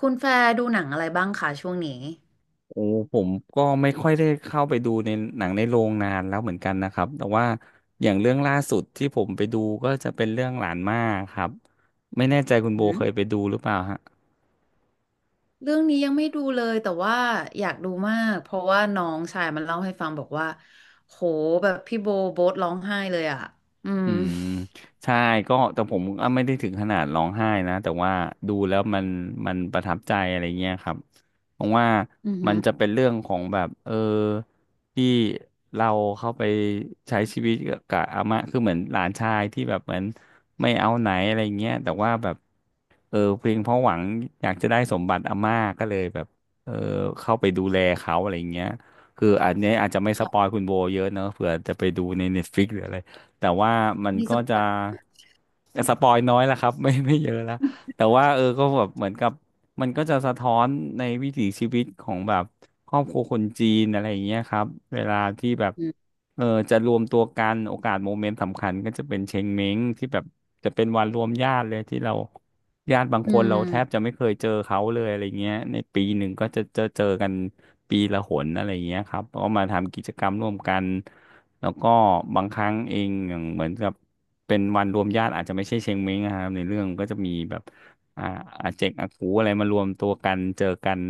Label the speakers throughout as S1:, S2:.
S1: คุณแฟร์ดูหนังอะไรบ้างคะช่วงนี้
S2: โอ้ผมก็ไม่ค่อยได้เข้าไปดูในหนังในโรงนานแล้วเหมือนกันนะครับแต่ว่าอย่างเรื่องล่าสุดที่ผมไปดูก็จะเป็นเรื่องหลานมาครับไม่แน่ใจคุณ
S1: หื
S2: โบเค
S1: ม
S2: ยไปดูหรือเปล่าฮะ
S1: เรื่องนี้ยังไม่ดูเลยแต่ว่าอยากดูมากเพราะว่าน้องชายมันเล่าให้ฟังบอกว่าโหแบบพี่โบโบ๊ทร้องไห้เลยอ่ะ อืม
S2: อืมใช่ก็แต่ผมอ่ะไม่ได้ถึงขนาดร้องไห้นะแต่ว่าดูแล้วมันประทับใจอะไรเงี้ยครับเพราะว่า
S1: อือ
S2: มั
S1: หื
S2: น
S1: อ
S2: จะเป็นเรื่องของแบบที่เราเข้าไปใช้ชีวิตกับอาม่าคือเหมือนหลานชายที่แบบเหมือนไม่เอาไหนอะไรเงี้ยแต่ว่าแบบเพียงเพราะหวังอยากจะได้สมบัติอาม่าก็เลยแบบเออเข้าไปดูแลเขาอะไรเงี้ยคืออันเนี้ยอาจจะไม่สปอ
S1: ค่ะ
S2: ยคุณโบเยอะเนอะเผื่อจะไปดูใน Netflix หรืออะไร แต่ว่ามัน
S1: มี
S2: ก็
S1: สป
S2: จะ
S1: อย
S2: สปอยน้อยและครับ ไม่ไม่เยอะและแต่ว่าก็แบบเหมือนกับมันก็จะสะท้อนในวิถีชีวิตของแบบครอบครัวคนจีนอะไรอย่างเงี้ยครับเวลาที่แบบ
S1: อืม
S2: จะรวมตัวกันโอกาสโมเมนต์สำคัญก็จะเป็นเชงเม้งที่แบบจะเป็นวันรวมญาติเลยที่เราญาติบาง
S1: อื
S2: คนเรา
S1: ม
S2: แทบจะไม่เคยเจอเขาเลยอะไรเงี้ยในปีหนึ่งก็จะเจอกันปีละหนอะไรเงี้ยครับก็มาทำกิจกรรมร่วมกัน แล้วก็บางครั้งเองอย่างเหมือนกับเป็นวันรวมญาติอาจจะไม่ใช่เชงเม้งนะครับในเรื่องก็จะมีแบบอ่าอาเจกอากูอะไรมารวมตัวกันเจอกัน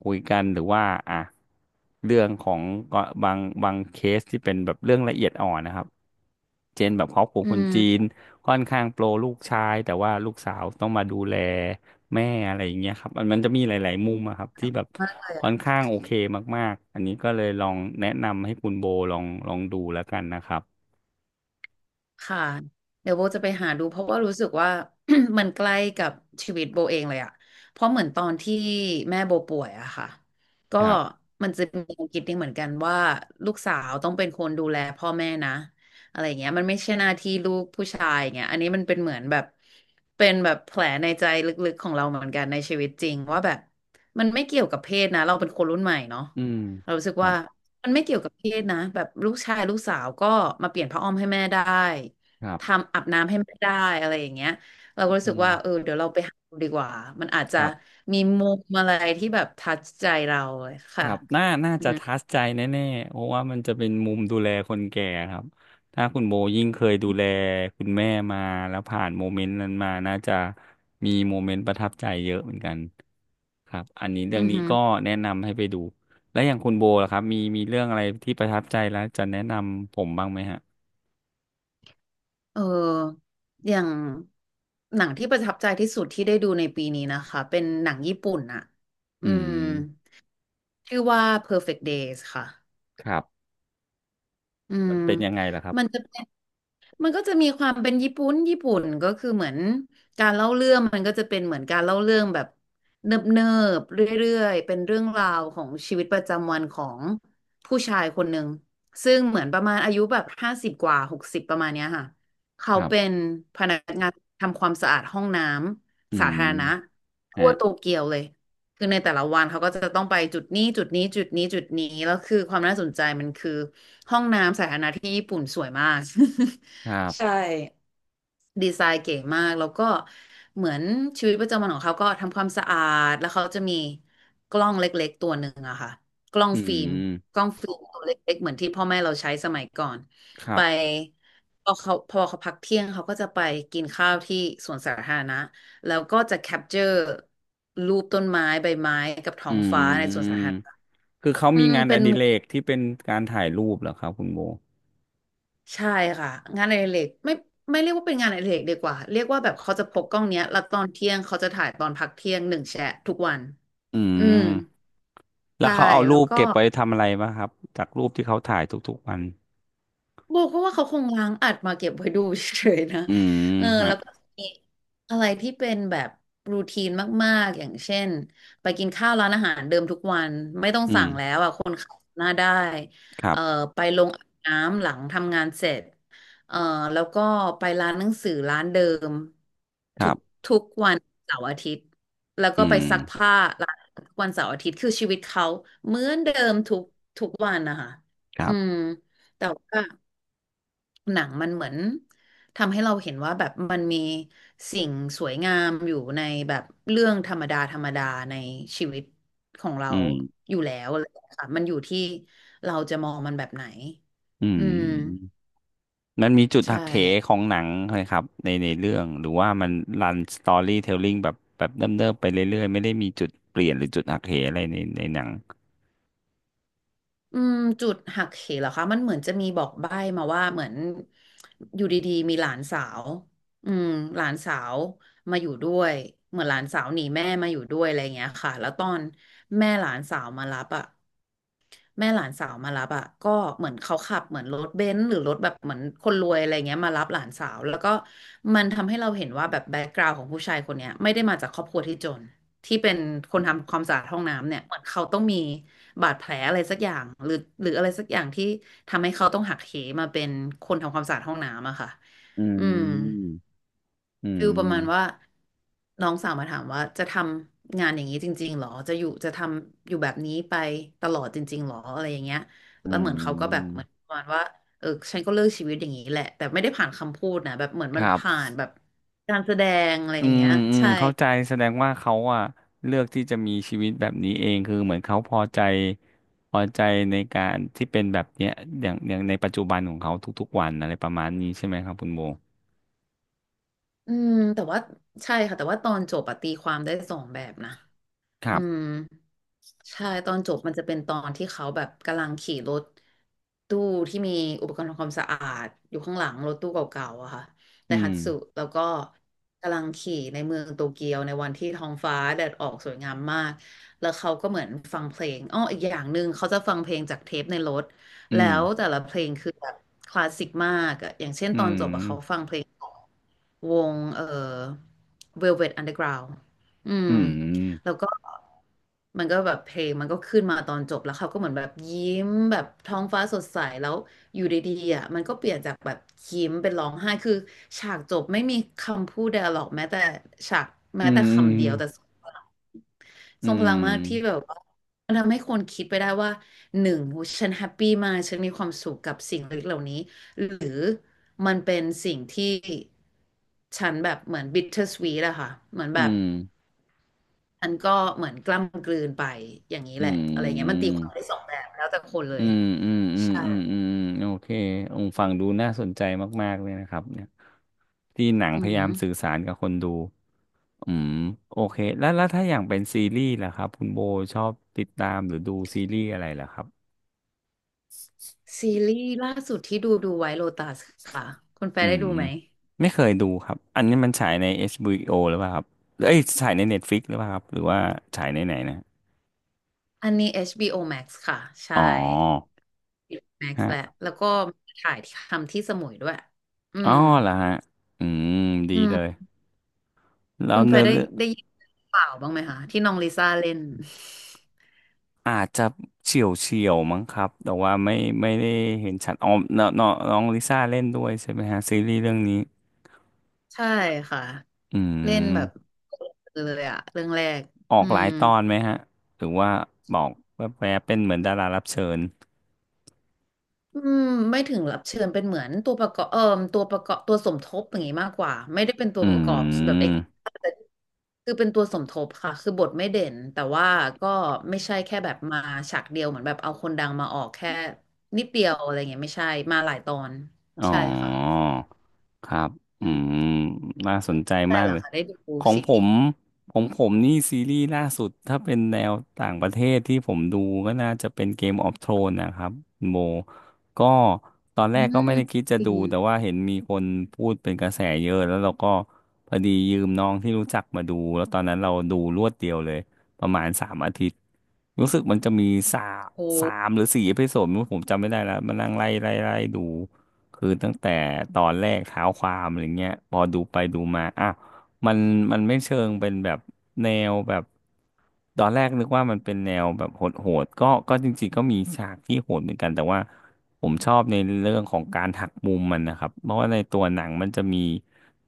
S2: คุยกันหรือว่าอ่ะเรื่องของก็บางเคสที่เป็นแบบเรื่องละเอียดอ่อนนะครับเช่นแบบครอบครัว
S1: อื
S2: คน
S1: ม
S2: จีนค่อนข้างโปรลูกชายแต่ว่าลูกสาวต้องมาดูแล แม่อะไรอย่างเงี้ยครับมันจะมีหลายๆมุมอะครับที่แบบค่อนข้างโอเคมากๆอันนี้ก็เลยลองแนะนำให้คุณโบลองดูแล้วกันนะครับ
S1: ค่ะเดี๋ยวโบจะไปหาดูเพราะว่ารู้สึกว่า มันใกล้กับชีวิตโบเองเลยอะเพราะเหมือนตอนที่แม่โบป่วยอะค่ะก็
S2: ครับ
S1: มันจะมีแนวามคิดนี้เหมือนกันว่าลูกสาวต้องเป็นคนดูแลพ่อแม่นะอะไรอย่างเงี้ยมันไม่ใช่หน้าที่ลูกผู้ชายอย่างเงี้ยอันนี้มันเป็นเหมือนแบบเป็นแบบแผลในใจลึกๆของเราเหมือนกันในชีวิตจริงว่าแบบมันไม่เกี่ยวกับเพศนะเราเป็นคนรุ่นใหม่เนาะ
S2: อืม
S1: เรารู้สึก
S2: ครั
S1: ว่า
S2: บ
S1: มันไม่เกี่ยวกับเพศนะแบบลูกชายลูกสาวก็มาเปลี่ยนผ้าอ้อมให้แม่ได้
S2: ครับ
S1: ทำอาบน้ำให้แม่ได้อะไรอย่างเงี้ยเราก็รู้สึ
S2: อื
S1: ก
S2: ม
S1: ว่าเออเดี๋ยวเราไปหาดูดีกว่ามันอาจ
S2: ค
S1: จะ
S2: รับ
S1: มีมุมอะไรที่แบบทัชใจเราเลย
S2: ค
S1: ค่ะ
S2: รับน่า
S1: อือ
S2: จะ
S1: ฮึ
S2: ทัชใจแน่ๆเพราะว่ามันจะเป็นมุมดูแลคนแก่ครับถ้าคุณโบยิ่งเคยดูแลคุณแม่มาแล้วผ่านโมเมนต์นั้นมาน่าจะมีโมเมนต์ประทับใจเยอะเหมือนกัน ครับอันนี้เรื่
S1: อื
S2: อง
S1: อ
S2: นี้
S1: ฮึ
S2: ก็แนะนำให้ไปดูแล้วอย่างคุณโบล่ะครับมีเรื่องอะไรที่ประทับใจแล้วจะแนะนำผมบ้างไหมฮะ
S1: เอออย่างหนังที่ประทับใจที่สุดที่ได้ดูในปีนี้นะคะเป็นหนังญี่ปุ่นอะอื
S2: อื
S1: ม
S2: ม
S1: ชื่อว่า Perfect Days ค่ะ
S2: ครับ
S1: อื
S2: มั
S1: ม
S2: นเป็นยังไงล่ะครับ
S1: มันจะเป็น มันก็จะมีความเป็นญี่ปุ่น ญี่ปุ่นก็คือเหมือนการเล่าเรื่องมันก็จะเป็นเหมือนการเล่าเรื่องแบบเนิบเนิบเรื่อยๆเป็นเรื่องราวของชีวิตประจำวันของผู้ชายคนหนึ่งซึ่งเหมือนประมาณอายุแบบ50กว่า60ประมาณเนี้ยค่ะเขา
S2: ครั
S1: เป็
S2: บ
S1: นพนักงานทำความสะอาดห้องน้
S2: อื
S1: ำสา
S2: ม
S1: ธารณะทั่
S2: ฮะ
S1: วโตเกียวเลยคือในแต่ละวันเขาก็จะต้องไปจุดนี้จุดนี้จุดนี้จุดนี้แล้วคือความน่าสนใจมันคือห้องน้ำสาธารณะที่ญี่ปุ่นสวยมาก
S2: ครั
S1: ใช่
S2: บ
S1: ดีไซน์เก๋มากแล้วก็เหมือนชีวิตประจำวันของเขาก็ทำความสะอาดแล้วเขาจะมีกล้องเล็กๆตัวหนึ่งอะค่ะกล้อง
S2: อื
S1: ฟิล์มก
S2: ม
S1: ล้องฟิล์มตัวเล็กๆเหมือนที่พ่อแม่เราใช้สมัยก่อน
S2: ครั
S1: ไป
S2: บ
S1: พอเขาพักเที่ยงเขาก็จะไปกินข้าวที่สวนสาธารณะแล้วก็จะแคปเจอร์รูปต้นไม้ใบไม้กับท้อ
S2: อื
S1: งฟ้าในสวนสา
S2: ม
S1: ธารณะ
S2: คือเขา
S1: อื
S2: มี
S1: ม
S2: งาน
S1: เป็
S2: อ
S1: น
S2: ดิเรกที่เป็นการถ่ายรูปเหรอครับคุณโบ
S1: ใช่ค่ะงานอดิเรกไม่ไม่เรียกว่าเป็นงานอดิเรกดีกว่าเรียกว่าแบบเขาจะพกกล้องเนี้ยแล้วตอนเที่ยงเขาจะถ่ายตอนพักเที่ยงหนึ่งแชะทุกวัน
S2: อื
S1: อืม
S2: ม แล้ว
S1: ใช่
S2: เขาเอา
S1: แล้ว
S2: รูป
S1: ก็
S2: เก็บไว้ทำอะไรบ้างครับจากรูปที่เขาถ่ายทุกๆวัน
S1: โบก็ว่าเขาคงล้างอัดมาเก็บไว้ดูเฉยๆนะ
S2: อืม
S1: เออ
S2: ฮะ
S1: แล้วก็มีอะไรที่เป็นแบบรูทีนมากๆอย่างเช่นไปกินข้าวร้านอาหารเดิมทุกวันไม่ต้อง
S2: อืม
S1: สั่งแล้วอ่ะคนขับหน้าได้
S2: ครั
S1: เออ
S2: บ
S1: ไปลงอาบน้ำหลังทำงานเสร็จเออแล้วก็ไปร้านหนังสือร้านเดิม
S2: ค
S1: ทุ
S2: รั
S1: ก
S2: บ
S1: ทุกวันเสาร์อาทิตย์แล้ว
S2: อื
S1: ก็ไป
S2: ม
S1: ซักผ้าร้านทุกวันเสาร์อาทิตย์คือชีวิตเขาเหมือนเดิมทุกวันนะคะ
S2: ครั
S1: อืม
S2: บ
S1: แต่ว่า หนังมันเหมือนทำให้เราเห็นว่าแบบมันมีสิ่งสวยงามอยู่ในแบบเรื่องธรรมดาธรรมดาในชีวิตของเรา
S2: อืม
S1: อยู่แล้วอะไรอย่างเงี้ยค่ะมันอยู่ที่เราจะมองมันแบบไหน
S2: อื
S1: อื
S2: ม
S1: ม
S2: มันมีจุด
S1: ใช่
S2: หักเหของหนังเลยครับในเรื่องหรือว่ามันรันสตอรี่เทลลิ่งแบบเดิมๆไปเรื่อยๆไม่ได้มีจุดเปลี่ยนหรือจุดหักเหอะไรในหนัง
S1: อืมจุดหักเหเหรอคะมันเหมือนจะมีบอกใบ้มาว่าเหมือนอยู่ดีๆมีหลานสาวอืมหลานสาวมาอยู่ด้วยเหมือนหลานสาวหนีแม่มาอยู่ด้วยอะไรอย่างเงี้ยค่ะแล้วตอนแม่หลานสาวมารับอ่ะ แม่หลานสาวมารับอ่ะก็เหมือนเขาขับเหมือนรถเบนซ์หรือรถแบบเหมือนคนรวยอะไรเงี้ยมารับหลานสาวแล้วก็มันทำให้เราเห็นว่าแบบแบ็กกราวด์ของผู้ชายคนเนี้ยไม่ได้มาจากครอบครัวที่จนที่เป็นคนทำความสะอาดห้องน้ำเนี่ยเหมือนเขาต้องมีบาดแผลอะไรสักอย่างหรือหรืออะไรสักอย่างที่ทำให้เขาต้องหักเหมาเป็นคนทำความสะอาดห้องน้ำอะค่ะ
S2: อื
S1: อืม
S2: มอื
S1: ฟิลประมาณว่า
S2: ม
S1: น้องสาวมาถามว่าจะทำงานอย่างนี้จริงๆหรอจะอยู่จะทำอยู่แบบนี้ไปตลอดจริงๆหรออะไรอย่างเงี้ย
S2: อื
S1: แล้วเหมือนเขาก็แบบเห
S2: ม
S1: มือนประมาณว่าเออฉันก็เลือกชีวิตอย่างนี้แหละแต่ไม่ได้ผ่านคำพูดนะแบบเหมือน
S2: ค
S1: มัน
S2: รับ
S1: ผ่านแบบการแสดงอะไร
S2: อื
S1: อย่าง
S2: ม
S1: เงี้ย
S2: อืม
S1: ใช่
S2: เข้าใจแสดงว่าเขาอะเลือกที่จะมีชีวิตแบบนี้เองคือเหมือนเขาพอใจในการที่เป็นแบบเนี้ยอย่างในปัจจุบันของเขาทุกๆวันอะไรประมาณนี้ใช่ไหมครับคุณโบ
S1: อืมแต่ว่าใช่ค่ะแต่ว่าตอนจบอะตีความได้สองแบบนะ
S2: ครั
S1: อืม
S2: บ
S1: ใช่ตอนจบมันจะเป็นตอนที่เขาแบบกำลังขี่รถตู้ที่มีอุปกรณ์ทำความสะอาดอยู่ข้างหลังรถตู้เก่าๆอะค่ะได
S2: อื
S1: ฮั
S2: ม
S1: ตสึแล้วก็กำลังขี่ในเมืองโตเกียวในวันที่ท้องฟ้าแดดออกสวยงามมากแล้วเขาก็เหมือนฟังเพลงอ้ออีกอย่างหนึ่งเขาจะฟังเพลงจากเทปในรถ
S2: อื
S1: แล้
S2: ม
S1: วแต่ละเพลงคือแบบคลาสสิกมากอะอย่างเช่น
S2: อื
S1: ตอนจ
S2: ม
S1: บอะเขาฟังเพลง วงVelvet Underground อื
S2: อื
S1: ม
S2: ม
S1: แล้วก็มันก็แบบเพลงมันก็ขึ้นมาตอนจบแล้วเขาก็เหมือนแบบยิ้มแบบท้องฟ้าสดใสแล้วอยู่ดีๆอ่ะมันก็เปลี่ยนจากแบบยิ้มเป็นร้องไห้คือฉากจบไม่มีคำพูด d i a l o g แม้แต่ฉาก
S2: อื
S1: แม้
S2: ม
S1: แต่
S2: อืม
S1: คำเดียวแต่ ทรงพลังมากที่แบบว่ามันทำให้คนคิดไปได้ว่าหนึ่งโหฉันแฮปปี้มากฉันมีความสุขกับสิ่งเล็กเหล่านี้หรือมันเป็นสิ่งที่ฉันแบบเหมือนบิ t เ e r s w e e t อะค่ะเหมือนแบ
S2: อื
S1: บ
S2: ม
S1: อันก็เหมือนกล้ำกลืนไปอย่างนี้
S2: อื
S1: แหละ
S2: ม
S1: อะไรเงี้ย
S2: อื
S1: มันตี
S2: ม
S1: ความได้สองแบบแล้วแต่คนเล
S2: อื
S1: ย
S2: มอืมอื
S1: ใช่
S2: มอืมโอเคองค์ฟังดูน่าสนใจมากๆเลยนะครับเนี่ยที่หนังพ
S1: อือ
S2: ยา
S1: หื
S2: ยา
S1: อ
S2: มสื่อสารกับคนดูอืมโอเคแล้วถ้าอย่างเป็นซีรีส์ล่ะครับคุณโบชอบติดตามหรือดูซีรีส์อะไรล่ะครับ
S1: ซีรีส์ล่าสุดที่ดูดูไว้โลตัสค่ะคุณแฟ
S2: อื
S1: ร์ได้
S2: ม
S1: ดูไหม
S2: ไม่เคยดูครับอันนี้มันฉายใน HBO หรือเปล่าครับเอ้ยฉายใน Netflix หรือเปล่าครับหรือว่าฉายในไหนนะ
S1: อันนี้ HBO Max ค่ะ
S2: อ๋
S1: ใช่
S2: อ
S1: แม็กซ์แหละแล้วก็ถ่ายททำที่สมุยด้วยอื
S2: อ๋อ
S1: ม
S2: เหรอฮะ อืม ดี
S1: อื
S2: เลย
S1: ม
S2: แล้
S1: คุ
S2: ว
S1: ณไป
S2: เนื้อ
S1: ได้
S2: เรื่อง
S1: ได้ยินเปล่าวบ้างไหมคะที่น้องลิซ่าเล่น
S2: อาจจะเฉียวมั้งครับ แต่ว่าไม่ไม่ได้เห็นชัดอ๋อน้องน้องน้องลิซ่าเล่นด้วยใช่ไหมฮะซีรีส์เรื่องนี้
S1: ใช่ค่ะ
S2: อื
S1: เล่นแบบ
S2: ม
S1: เลยอะเรื่องแรก
S2: ออ
S1: อื
S2: กหลา
S1: ม
S2: ยตอนไหมฮะ หรือว่าบอกแวบๆเป็นเหมือนดารารับเชิญ
S1: อืมไม่ถึงรับเชิญเป็นเหมือนตัวประกอบตัวประกอบตัวสมทบอย่างงี้มากกว่าไม่ได้เป็นตัว
S2: อื
S1: ประกอบแบบ
S2: ม
S1: คือเป็นตัวสมทบค่ะคือบทไม่เด่นแต่ว่าก็ไม่ใช่แค่แบบมาฉากเดียวเหมือนแบบเอาคนดังมาออกแค่นิดเดียวอะไรเงี้ยไม่ใช่มาหลายตอน
S2: อ๋
S1: ใช่ค่ะ
S2: อครับอื
S1: อื
S2: ม
S1: ม
S2: น่าสนใจ
S1: ได้
S2: มาก
S1: เหรอ
S2: เลย
S1: คะได้ดู
S2: ของ
S1: ซี
S2: ผ
S1: รี
S2: ม
S1: ส์
S2: ของผมนี่ซีรีส์ล่าสุดถ้าเป็นแนวต่างประเทศที่ผมดูก็น่าจะเป็น Game of Thrones นะครับคุณโบก็ตอนแร
S1: อื
S2: กก็ไม่
S1: ม
S2: ได้คิดจะ
S1: อิ
S2: ดู
S1: น
S2: แต่ว่าเห็นมีคนพูดเป็นกระแสเยอะแล้วเราก็พอดียืมน้องที่รู้จักมาดูแล้วตอนนั้นเราดูรวดเดียวเลยประมาณ3 อาทิตย์รู้สึกมันจะมีสามสา
S1: โอ
S2: มหรือ4 เอพิโซดไม่รู้ผมจำไม่ได้แล้วมานั่งไล่ดู คือตั้งแต่ตอนแรกเท้าความอะไรเงี้ยพอดูไปดูมาอาวมันมันไม่เชิงเป็นแบบแนวแบบตอนแรกนึกว่ามันเป็นแนวแบบโหดๆก็จริงๆก็มีฉากที่โหดเหมือนกันแต่ว่าผมชอบในเรื่องของการหักมุมมันนะครับเพราะว่าในตัวหนังมันจะมี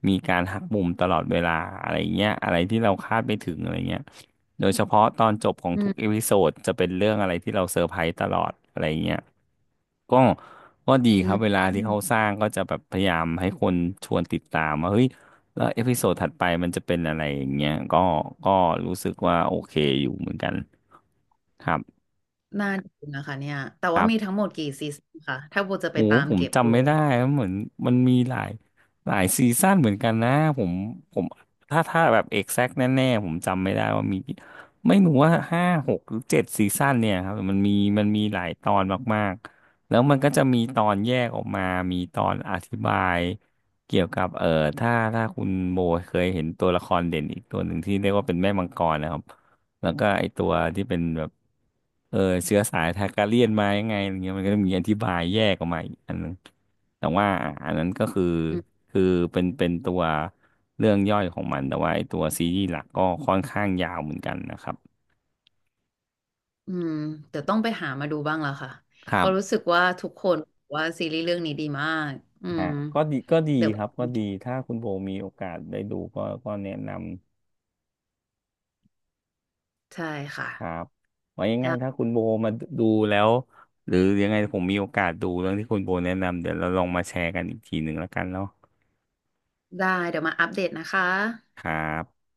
S2: มีการหักมุมตลอดเวลาอะไรเงี้ยอะไรที่เราคาดไม่ถึงอะไรเงี้ยโดยเฉพาะตอนจบของ
S1: อื
S2: ทุกเอ
S1: ม
S2: พิโซดจะเป็นเรื่องอะไรที่เราเซอร์ไพรส์ตลอดอะไรเงี้ยก็ ดี
S1: อื
S2: ครั
S1: ม
S2: บเวลา
S1: อื
S2: ที่
S1: ม
S2: เขาสร้างก็จะแบบพยายามให้คนชวนติดตามว่าเฮ้ยแล้วเอพิโซดถัดไปมันจะเป็นอะไรอย่างเงี้ยก็รู้สึกว่าโอเคอยู่เหมือนกันครับ
S1: น่าดูนะคะเนี่ยแต่ว่ามีทั้งหมดกี่ซีซั่นค่ะถ้าโบจะไป
S2: โอ้
S1: ตาม
S2: ผม
S1: เก็บดู
S2: จำไม่ได้ครับเหมือนมันมีหลายซีซั่นเหมือนกันนะผมผมถ้าแบบเอก c t กแน่ๆผมจำไม่ได้ว่ามีไม่รู้ว่า5 6 หรือ 7 ซีซั่นเนี่ยครับมันมีหลายตอนมากๆแล้วมันก็จะมีตอนแยกออกมามีตอนอธิบายเกี่ยวกับถ้าคุณโบเคยเห็นตัวละครเด่นอีกตัวหนึ่งที่เรียกว่าเป็นแม่มังกรนะครับ แล้วก็ไอตัวที่เป็นแบบเออเชื้อสายทาการเลียนมายังไงอะไรเงี้ยมันก็จะมีอธิบายแยกออกมาอีกอันนึงแต่ว่าอะอันนั้นก็คือ
S1: อืม
S2: คือเป็นตัวเรื่องย่อยของมันแต่ว่าไอตัวซีรีส์หลักก็ค่อนข้างยาวเหมือนกันนะครับ
S1: อืมเดี๋ยวต้องไปหามาดูบ้างละค่ะ
S2: ค
S1: เพ
S2: รั
S1: ราะรู้
S2: บ
S1: สึกว่าทุกคนบอกว่าซีรีส์เรื่องนี้ดีมากอืม
S2: ฮะก็ดี
S1: เดี๋ยว
S2: ค
S1: ไป
S2: รับก็ดีถ้าคุณโบมีโอกาสได้ดูก็แนะนำ
S1: ใช่ค่ะ
S2: ครับไว้ยังไงถ้าคุณโบมาดูแล้วหรือยังไงผมมีโอกาสดูเรื่องที่คุณโบแนะนำเดี๋ยวเราลองมาแชร์กันอีกทีหนึ่งแล้วกันเนาะ
S1: ได้เดี๋ยวมาอัปเดตนะคะ
S2: ครับ